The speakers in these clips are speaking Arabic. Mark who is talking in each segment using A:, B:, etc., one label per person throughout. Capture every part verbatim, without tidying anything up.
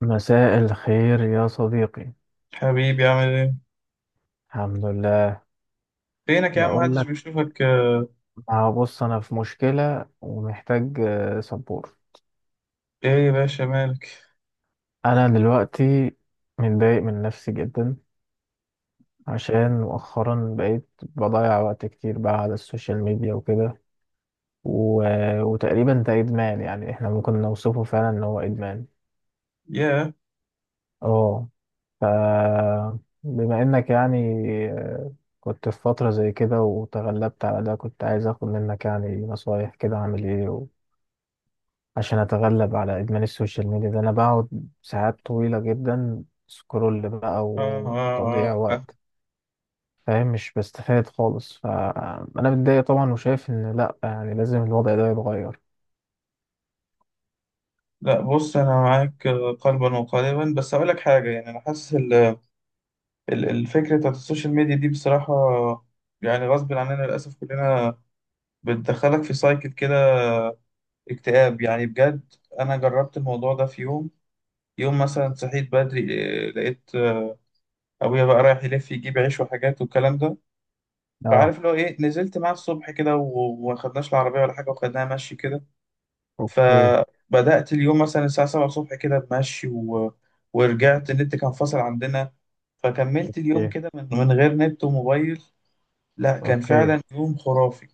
A: مساء الخير يا صديقي.
B: حبيبي، عامل ايه؟
A: الحمد لله.
B: فينك يا عم؟
A: بقول
B: محدش
A: لك،
B: بيشوفك آه،
A: ما بص، انا في مشكلة ومحتاج آه، سبورت.
B: ايه يا باشا، مالك؟
A: انا دلوقتي متضايق من نفسي جدا عشان مؤخرا بقيت بضيع وقت كتير بقى على السوشيال ميديا وكده، و... وتقريبا ده ادمان، يعني احنا ممكن نوصفه فعلا ان هو ادمان.
B: ياه.
A: اه. ف بما انك يعني آه، كنت في فترة زي كده وتغلبت على ده، كنت عايز اخد منك يعني نصايح كده اعمل ايه عشان اتغلب على ادمان السوشيال ميديا ده. انا بقعد ساعات طويلة جدا سكرول بقى
B: آه،
A: وتضييع
B: آه، آه.
A: وقت، فاهم؟ مش بستفاد خالص، فانا متضايق طبعا وشايف ان لا، يعني لازم الوضع ده يتغير.
B: لا، بص، انا معاك آه، قلبا وقالبا، بس اقول لك حاجه. يعني انا حاسس ال- ال- الفكره بتاعت السوشيال ميديا دي، بصراحه يعني غصب عننا للاسف كلنا، بتدخلك في سايكل كده اكتئاب يعني بجد. انا جربت الموضوع ده في يوم. يوم مثلا صحيت بدري، آه، لقيت آه، ابويا بقى رايح يلف يجيب عيش وحاجات والكلام ده.
A: اه.
B: فعارف اللي هو ايه، نزلت معاه الصبح كده و- وما خدناش العربية ولا حاجة، وخدناها مشي كده.
A: اوكي.
B: فبدأت اليوم مثلا الساعة السابعة الصبح كده بمشي و... ورجعت النت كان فاصل عندنا. فكملت اليوم
A: اوكي.
B: كده من... من غير نت وموبايل. لا، كان
A: اوكي.
B: فعلا يوم خرافي.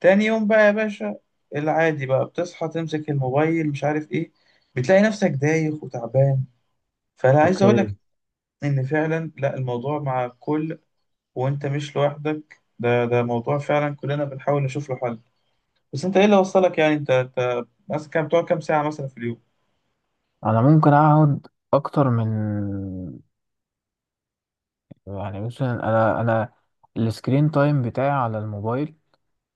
B: تاني يوم بقى يا باشا، العادي بقى بتصحى تمسك الموبايل مش عارف ايه، بتلاقي نفسك دايخ وتعبان. فانا عايز اقول لك
A: اوكي.
B: ان فعلا، لا، الموضوع مع الكل وانت مش لوحدك. ده ده موضوع فعلا كلنا بنحاول نشوف له حل. بس انت ايه اللي وصلك؟ يعني انت انت مثلا كام بتقعد، كام ساعة مثلا في اليوم؟
A: انا ممكن اقعد اكتر من، يعني مثلا انا انا السكرين تايم بتاعي على الموبايل،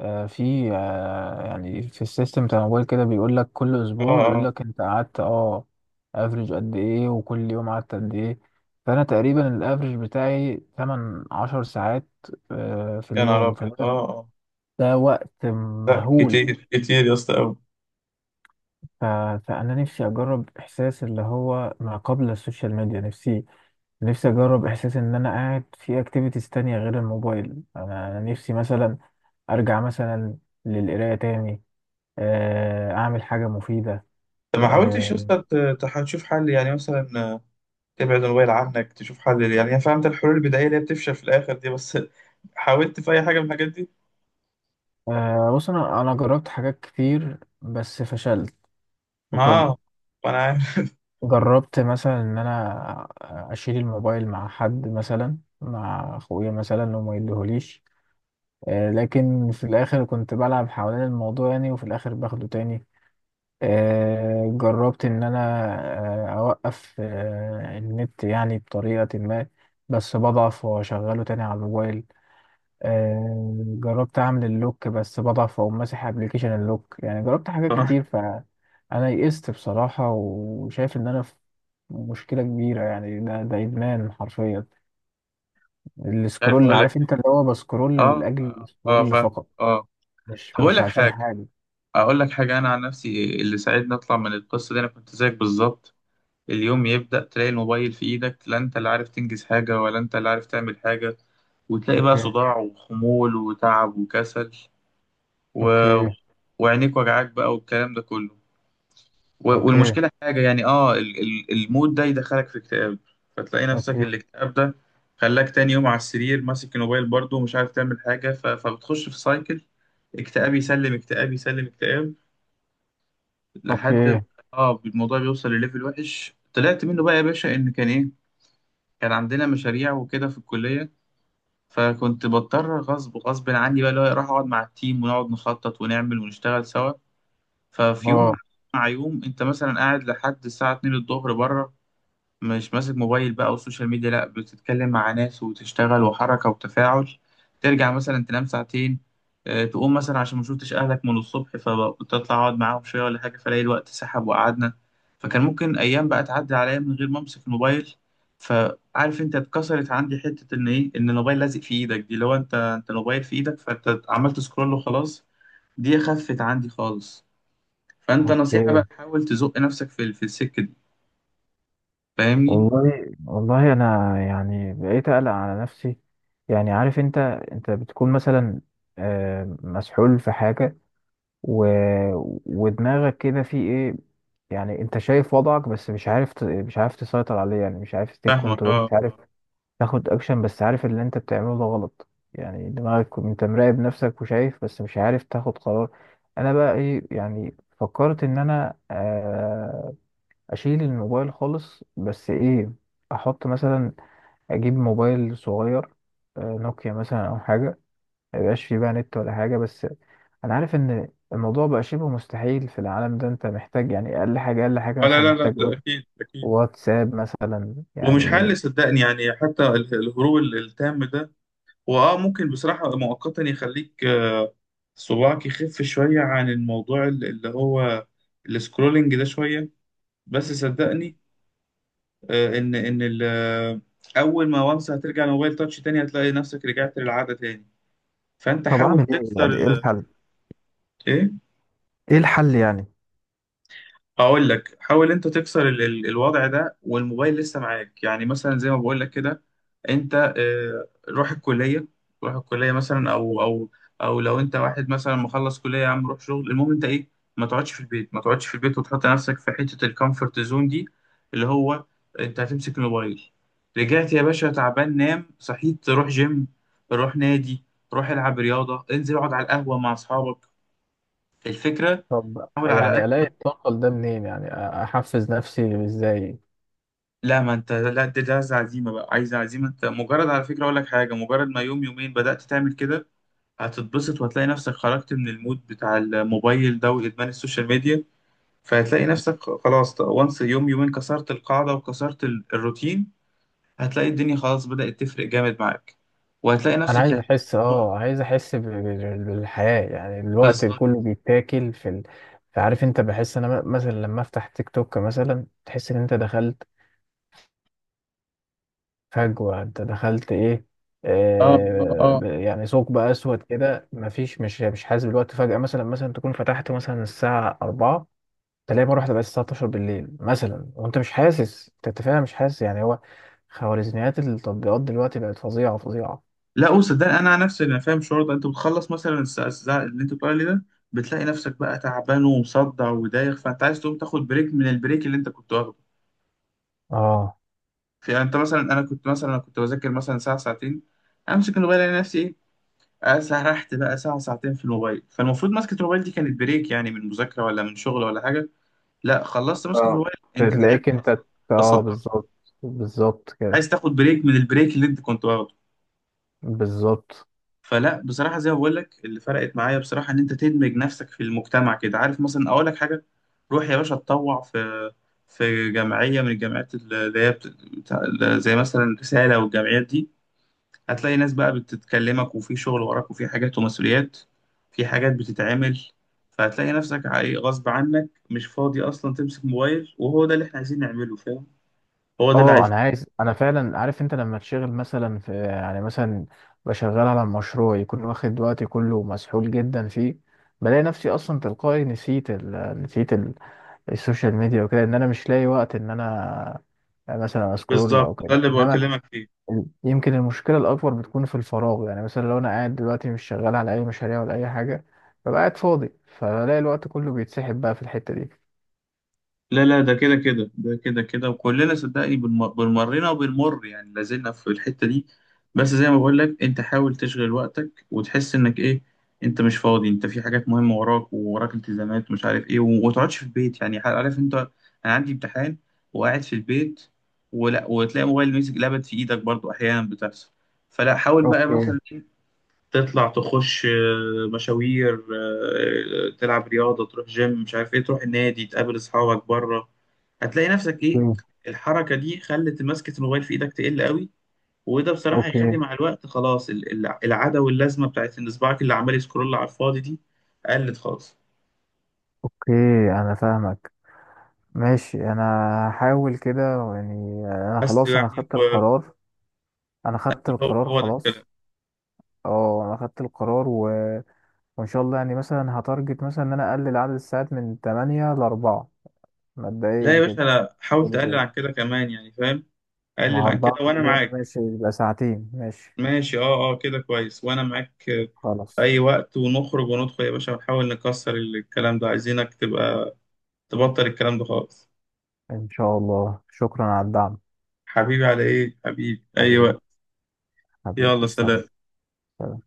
A: آه، في آه، يعني في السيستم بتاع الموبايل كده بيقول لك كل
B: اه
A: اسبوع، بيقول
B: اه.
A: لك انت قعدت اه افريج قد ايه وكل يوم قعدت قد ايه. فانا تقريبا الافريج بتاعي ثمانية عشرة ساعات آه، في
B: يا نهار
A: اليوم.
B: ابيض،
A: فده
B: اه اه.
A: ده وقت
B: لا
A: مهول.
B: كتير كتير يا اسطى قوي.
A: ف- فانا نفسي اجرب احساس اللي هو ما قبل السوشيال ميديا. نفسي نفسي اجرب احساس ان انا قاعد في اكتيفيتيز تانية غير الموبايل. انا أنا نفسي مثلا ارجع مثلا للقراية تاني، آه، اعمل حاجه مفيده.
B: طب ما حاولتش يا
A: آه،
B: اسطى ت- تح- تشوف حل؟ يعني مثلا آه، تبعد الموبايل عنك، تشوف حل. يعني انا فهمت الحلول البدائية اللي هي بتفشل في الاخر دي، بس حاولت في اي حاجة من الحاجات دي؟
A: آه، بص، انا انا جربت حاجات كتير بس فشلت في
B: ما
A: كله.
B: آه، ما انا عارف.
A: جربت مثلا ان انا اشيل الموبايل مع حد، مثلا مع اخويا مثلا، انه ما يديهوليش، آه، لكن في الاخر كنت بلعب حوالين الموضوع يعني، وفي الاخر باخده تاني. آه، جربت ان انا آه، اوقف آه، النت يعني بطريقه ما، بس بضعف واشغله تاني على الموبايل. آه، جربت اعمل اللوك بس بضعف، او ماسح ابلكيشن اللوك، يعني جربت حاجات
B: مش
A: كتير فانا يئست بصراحة، وشايف ان انا في مشكلة كبيرة. يعني ده ده ادمان حرفيا،
B: عارف
A: السكرول،
B: اقول لك
A: عارف
B: إيه.
A: انت اللي هو بسكرول
B: اه
A: لاجل
B: اه، آه،
A: السكرول
B: فاهم.
A: فقط،
B: اه.
A: مش
B: طب اقول
A: مش
B: لك
A: عشان
B: حاجة،
A: حاجة.
B: اقول لك حاجة. انا عن نفسي اللي ساعدني اطلع من القصة دي، انا كنت زيك بالظبط. اليوم يبدأ تلاقي الموبايل في إيدك، لا أنت اللي عارف تنجز حاجة ولا أنت اللي عارف تعمل حاجة. وتلاقي بقى
A: اوكي.
B: صداع وخمول وتعب وكسل و...
A: اوكي.
B: وعينيك وجعاك بقى والكلام ده كله. و...
A: اوكي.
B: والمشكلة حاجة يعني، آه ال... ال... المود ده يدخلك في اكتئاب. فتلاقي نفسك
A: اوكي.
B: الاكتئاب ده خلاك تاني يوم على السرير ماسك الموبايل برضه ومش عارف تعمل حاجة، ف... فبتخش في سايكل اكتئاب يسلم اكتئاب يسلم اكتئاب لحد ما
A: اوكي.
B: اه الموضوع بيوصل لليفل وحش. طلعت منه بقى يا باشا ان كان ايه، كان عندنا مشاريع وكده في الكلية. فكنت بضطر غصب غصب عني بقى، اللي هو اروح اقعد مع التيم ونقعد نخطط ونعمل ونشتغل سوا. ففي يوم
A: اه.
B: مع يوم، انت مثلا قاعد لحد الساعة اتنين الظهر بره، مش ماسك موبايل بقى والسوشيال ميديا، لا بتتكلم مع ناس وتشتغل، وحركة وتفاعل. ترجع مثلا تنام ساعتين، آه، تقوم مثلا عشان ما شفتش اهلك من الصبح فتطلع اقعد معاهم شوية ولا حاجة، فلاقي الوقت سحب وقعدنا. فكان ممكن ايام بقى تعدي عليا من غير ما امسك الموبايل. فعارف انت، اتكسرت عندي حتة ان ايه، ان الموبايل لازق في ايدك دي، لو انت انت الموبايل في ايدك فانت عملت سكرول وخلاص. دي خفت عندي خالص. فانت نصيحة
A: اوكي.
B: بقى، حاول تزق نفسك في في السكة دي. فاهمني؟
A: والله والله، انا يعني بقيت اقلق على نفسي. يعني عارف انت، انت بتكون مثلا آه، مسحول في حاجه و... ودماغك كده في ايه. يعني انت شايف وضعك بس مش عارف، ت... مش عارف تسيطر عليه، يعني مش عارف تيك
B: فاهمك
A: كنترول،
B: اه.
A: مش عارف تاخد اكشن، بس عارف اللي انت بتعمله ده غلط. يعني دماغك انت مراقب نفسك وشايف، بس مش عارف تاخد قرار. انا بقى ايه؟ يعني فكرت ان انا آه، اشيل الموبايل خالص، بس ايه، احط مثلا، اجيب موبايل صغير، آه، نوكيا مثلا او حاجه، ما يبقاش فيه بقى نت ولا حاجه. بس انا عارف ان الموضوع بقى شبه مستحيل في العالم ده، انت محتاج يعني اقل حاجه، اقل حاجه
B: آه لا
A: مثلا،
B: لا لا
A: محتاج
B: ده
A: وات-
B: أكيد أكيد.
A: واتساب مثلا
B: ومش
A: يعني.
B: حل صدقني، يعني حتى ال- الهروب ال- التام ده هو آه ممكن بصراحة مؤقتا يخليك، آه، صباعك يخف شوية عن الموضوع ال- اللي هو السكرولينج ده شوية. بس صدقني آه، إن إن ال- آه، أول ما وانس هترجع لموبايل تاتش تاني هتلاقي نفسك رجعت للعادة تاني. فأنت
A: طب
B: حاول
A: اعمل ايه؟
B: تكسر
A: يعني ايه
B: ال...
A: الحل؟
B: إيه؟
A: ايه الحل يعني؟
B: اقول لك، حاول انت تكسر ال ال الوضع ده والموبايل لسه معاك. يعني مثلا زي ما بقول لك كده، انت آه، روح الكليه، روح الكليه مثلا، او او او لو انت واحد مثلا مخلص كليه يا عم روح شغل، المهم انت ايه، ما تقعدش في البيت، ما تقعدش في البيت وتحط نفسك في حته الكومفورت زون دي. اللي هو انت هتمسك الموبايل، رجعت يا باشا تعبان، نام، صحيت روح جيم، روح نادي، روح العب رياضه، انزل اقعد على القهوه مع اصحابك. الفكره،
A: طب
B: حاول على...
A: يعني الاقي الطاقه ده منين؟ يعني أ- احفز نفسي ازاي؟
B: لا ما انت لا، دي دي عايز عزيمه بقى، عايز عزيمه. انت مجرد، على فكره اقول لك حاجه، مجرد ما يوم يومين بدات تعمل كده هتتبسط وهتلاقي نفسك خرجت من المود بتاع الموبايل ده وادمان السوشيال ميديا. فهتلاقي نفسك خ- خلاص وانس يوم يومين كسرت القاعده وكسرت ال- الروتين، هتلاقي الدنيا خلاص بدات تفرق جامد معاك وهتلاقي
A: انا
B: نفسك
A: عايز
B: يعني
A: احس، اه عايز احس ب- ب- بالحياة. يعني الوقت
B: بالظبط.
A: كله بيتاكل. في ال... فعارف انت بحس انا م- مثلا لما افتح تيك توك مثلا تحس ان انت دخلت فجوة، انت دخلت ايه،
B: اه
A: آه
B: اه.
A: ب- يعني ثقب اسود كده، مفيش، مش مش حاسس بالوقت. فجأة مثلا مثلا تكون فتحت مثلا الساعة اربعة تلاقي مرة واحدة بقت الساعة الثانية عشرة بالليل مثلا، وانت مش حاسس. انت أنت فعلا مش حاسس يعني. هو خوارزميات التطبيقات دلوقتي بقت فظيعة فظيعة.
B: لا قول، صدقني انا عن نفسي انا فاهم الشعور ده. انت بتخلص مثلا الساعه الساعة اللي انت بتقول عليه ده، بتلاقي نفسك بقى تعبان ومصدع ودايخ فانت عايز تقوم تاخد بريك من البريك اللي انت كنت واخده
A: اه.
B: في، يعني انت مثلا، انا كنت مثلا أنا كنت بذاكر مثلا ساعه ساعتين، امسك الموبايل الاقي نفسي ايه، آه، سرحت بقى ساعه ساعتين في الموبايل. فالمفروض مسكه الموبايل دي كانت بريك يعني من مذاكره ولا من شغل ولا حاجه. لا، خلصت مسكه
A: اه.
B: الموبايل انت
A: تلاقيك
B: تعبت اصلا،
A: انت. اه
B: تصدعت،
A: بالظبط. بالظبط كده.
B: عايز تاخد بريك من البريك اللي انت كنت واخده.
A: بالظبط.
B: فلا بصراحة زي ما بقول لك، اللي فرقت معايا بصراحة، إن أنت تدمج نفسك في المجتمع كده. عارف مثلا أقول لك حاجة، روح يا باشا اتطوع في في جمعية من الجمعيات اللي هي بت... بتاع- زي مثلا رسالة والجمعيات دي، هتلاقي ناس بقى بتتكلمك وفي شغل وراك وفي حاجات ومسؤوليات، في حاجات بتتعمل، فهتلاقي نفسك عاي- غصب عنك مش فاضي أصلا تمسك موبايل. وهو ده اللي إحنا عايزين نعمله، فاهم؟ هو ده اللي
A: اه
B: عايزين.
A: انا عايز. انا فعلا، عارف انت لما تشغل مثلا في، يعني مثلا بشغل على مشروع يكون واخد وقتي كله ومسحول جدا فيه، بلاقي نفسي اصلا تلقائي نسيت ال... نسيت ال... السوشيال ميديا وكده. ان انا مش لاقي وقت ان انا مثلا اسكرول او
B: بالظبط ده
A: كده.
B: اللي
A: انما
B: بكلمك فيه.
A: يمكن المشكلة الأكبر بتكون في الفراغ، يعني مثلا لو أنا قاعد دلوقتي مش شغال على أي مشاريع ولا أي حاجة، ببقى قاعد فاضي فبلاقي الوقت كله بيتسحب بقى في الحتة دي.
B: لا لا ده كده كده ده كده كده، وكلنا صدقني بنم- بنمرنا وبنمر يعني لازلنا في الحتة دي. بس زي ما بقول لك انت حاول تشغل وقتك وتحس انك ايه، انت مش فاضي، انت في حاجات مهمة وراك، ووراك التزامات ومش عارف ايه، وما تقعدش في البيت. يعني عارف انت، انا عندي امتحان وقاعد في البيت، ولا وتلاقي موبايل ماسك لابد في ايدك برضو، احيانا بتحصل. فلا حاول بقى آه.
A: اوكي.
B: مثلا تطلع تخش آه، مشاوير، آه، آه، تلعب رياضة، تروح جيم مش عارف ايه، تروح النادي تقابل اصحابك بره. هتلاقي نفسك ايه،
A: اوكي.
B: الحركة دي خلت ماسكة الموبايل في ايدك تقل قوي. وده بصراحة
A: اوكي.
B: هيخلي مع الوقت خلاص ال- ال- العادة واللازمة بتاعت ان صباعك اللي عمال يسكرول على الفاضي دي قلت خالص.
A: اوكي. انا فاهمك، ماشي. انا هحاول كده يعني. انا
B: بس
A: خلاص، انا
B: يعني
A: خدت
B: هو
A: القرار. انا خدت
B: هو
A: القرار
B: هو ده الكلام.
A: خلاص. اه، انا خدت القرار و... وان شاء الله يعني مثلا هتارجت مثلا ان انا اقلل عدد الساعات من تمانية ل اربعة
B: لا يا
A: مبدئيا كده.
B: باشا لا، حاول
A: حلو
B: تقلل
A: جدا.
B: عن كده كمان يعني فاهم، قلل
A: ما
B: عن كده
A: اربعة
B: وانا
A: كل يوم
B: معاك.
A: ماشي، يبقى ساعتين ماشي.
B: ماشي، اه اه كده كويس وانا معاك في
A: خلاص.
B: اي وقت. ونخرج وندخل يا باشا ونحاول نكسر الكلام ده، عايزينك تبقى تبطل الكلام ده خالص.
A: إن شاء الله، شكرا على الدعم.
B: حبيبي، على ايه حبيبي، اي
A: حبيبي
B: وقت. يلا
A: حبيبي. سلام.
B: سلام.
A: سلام.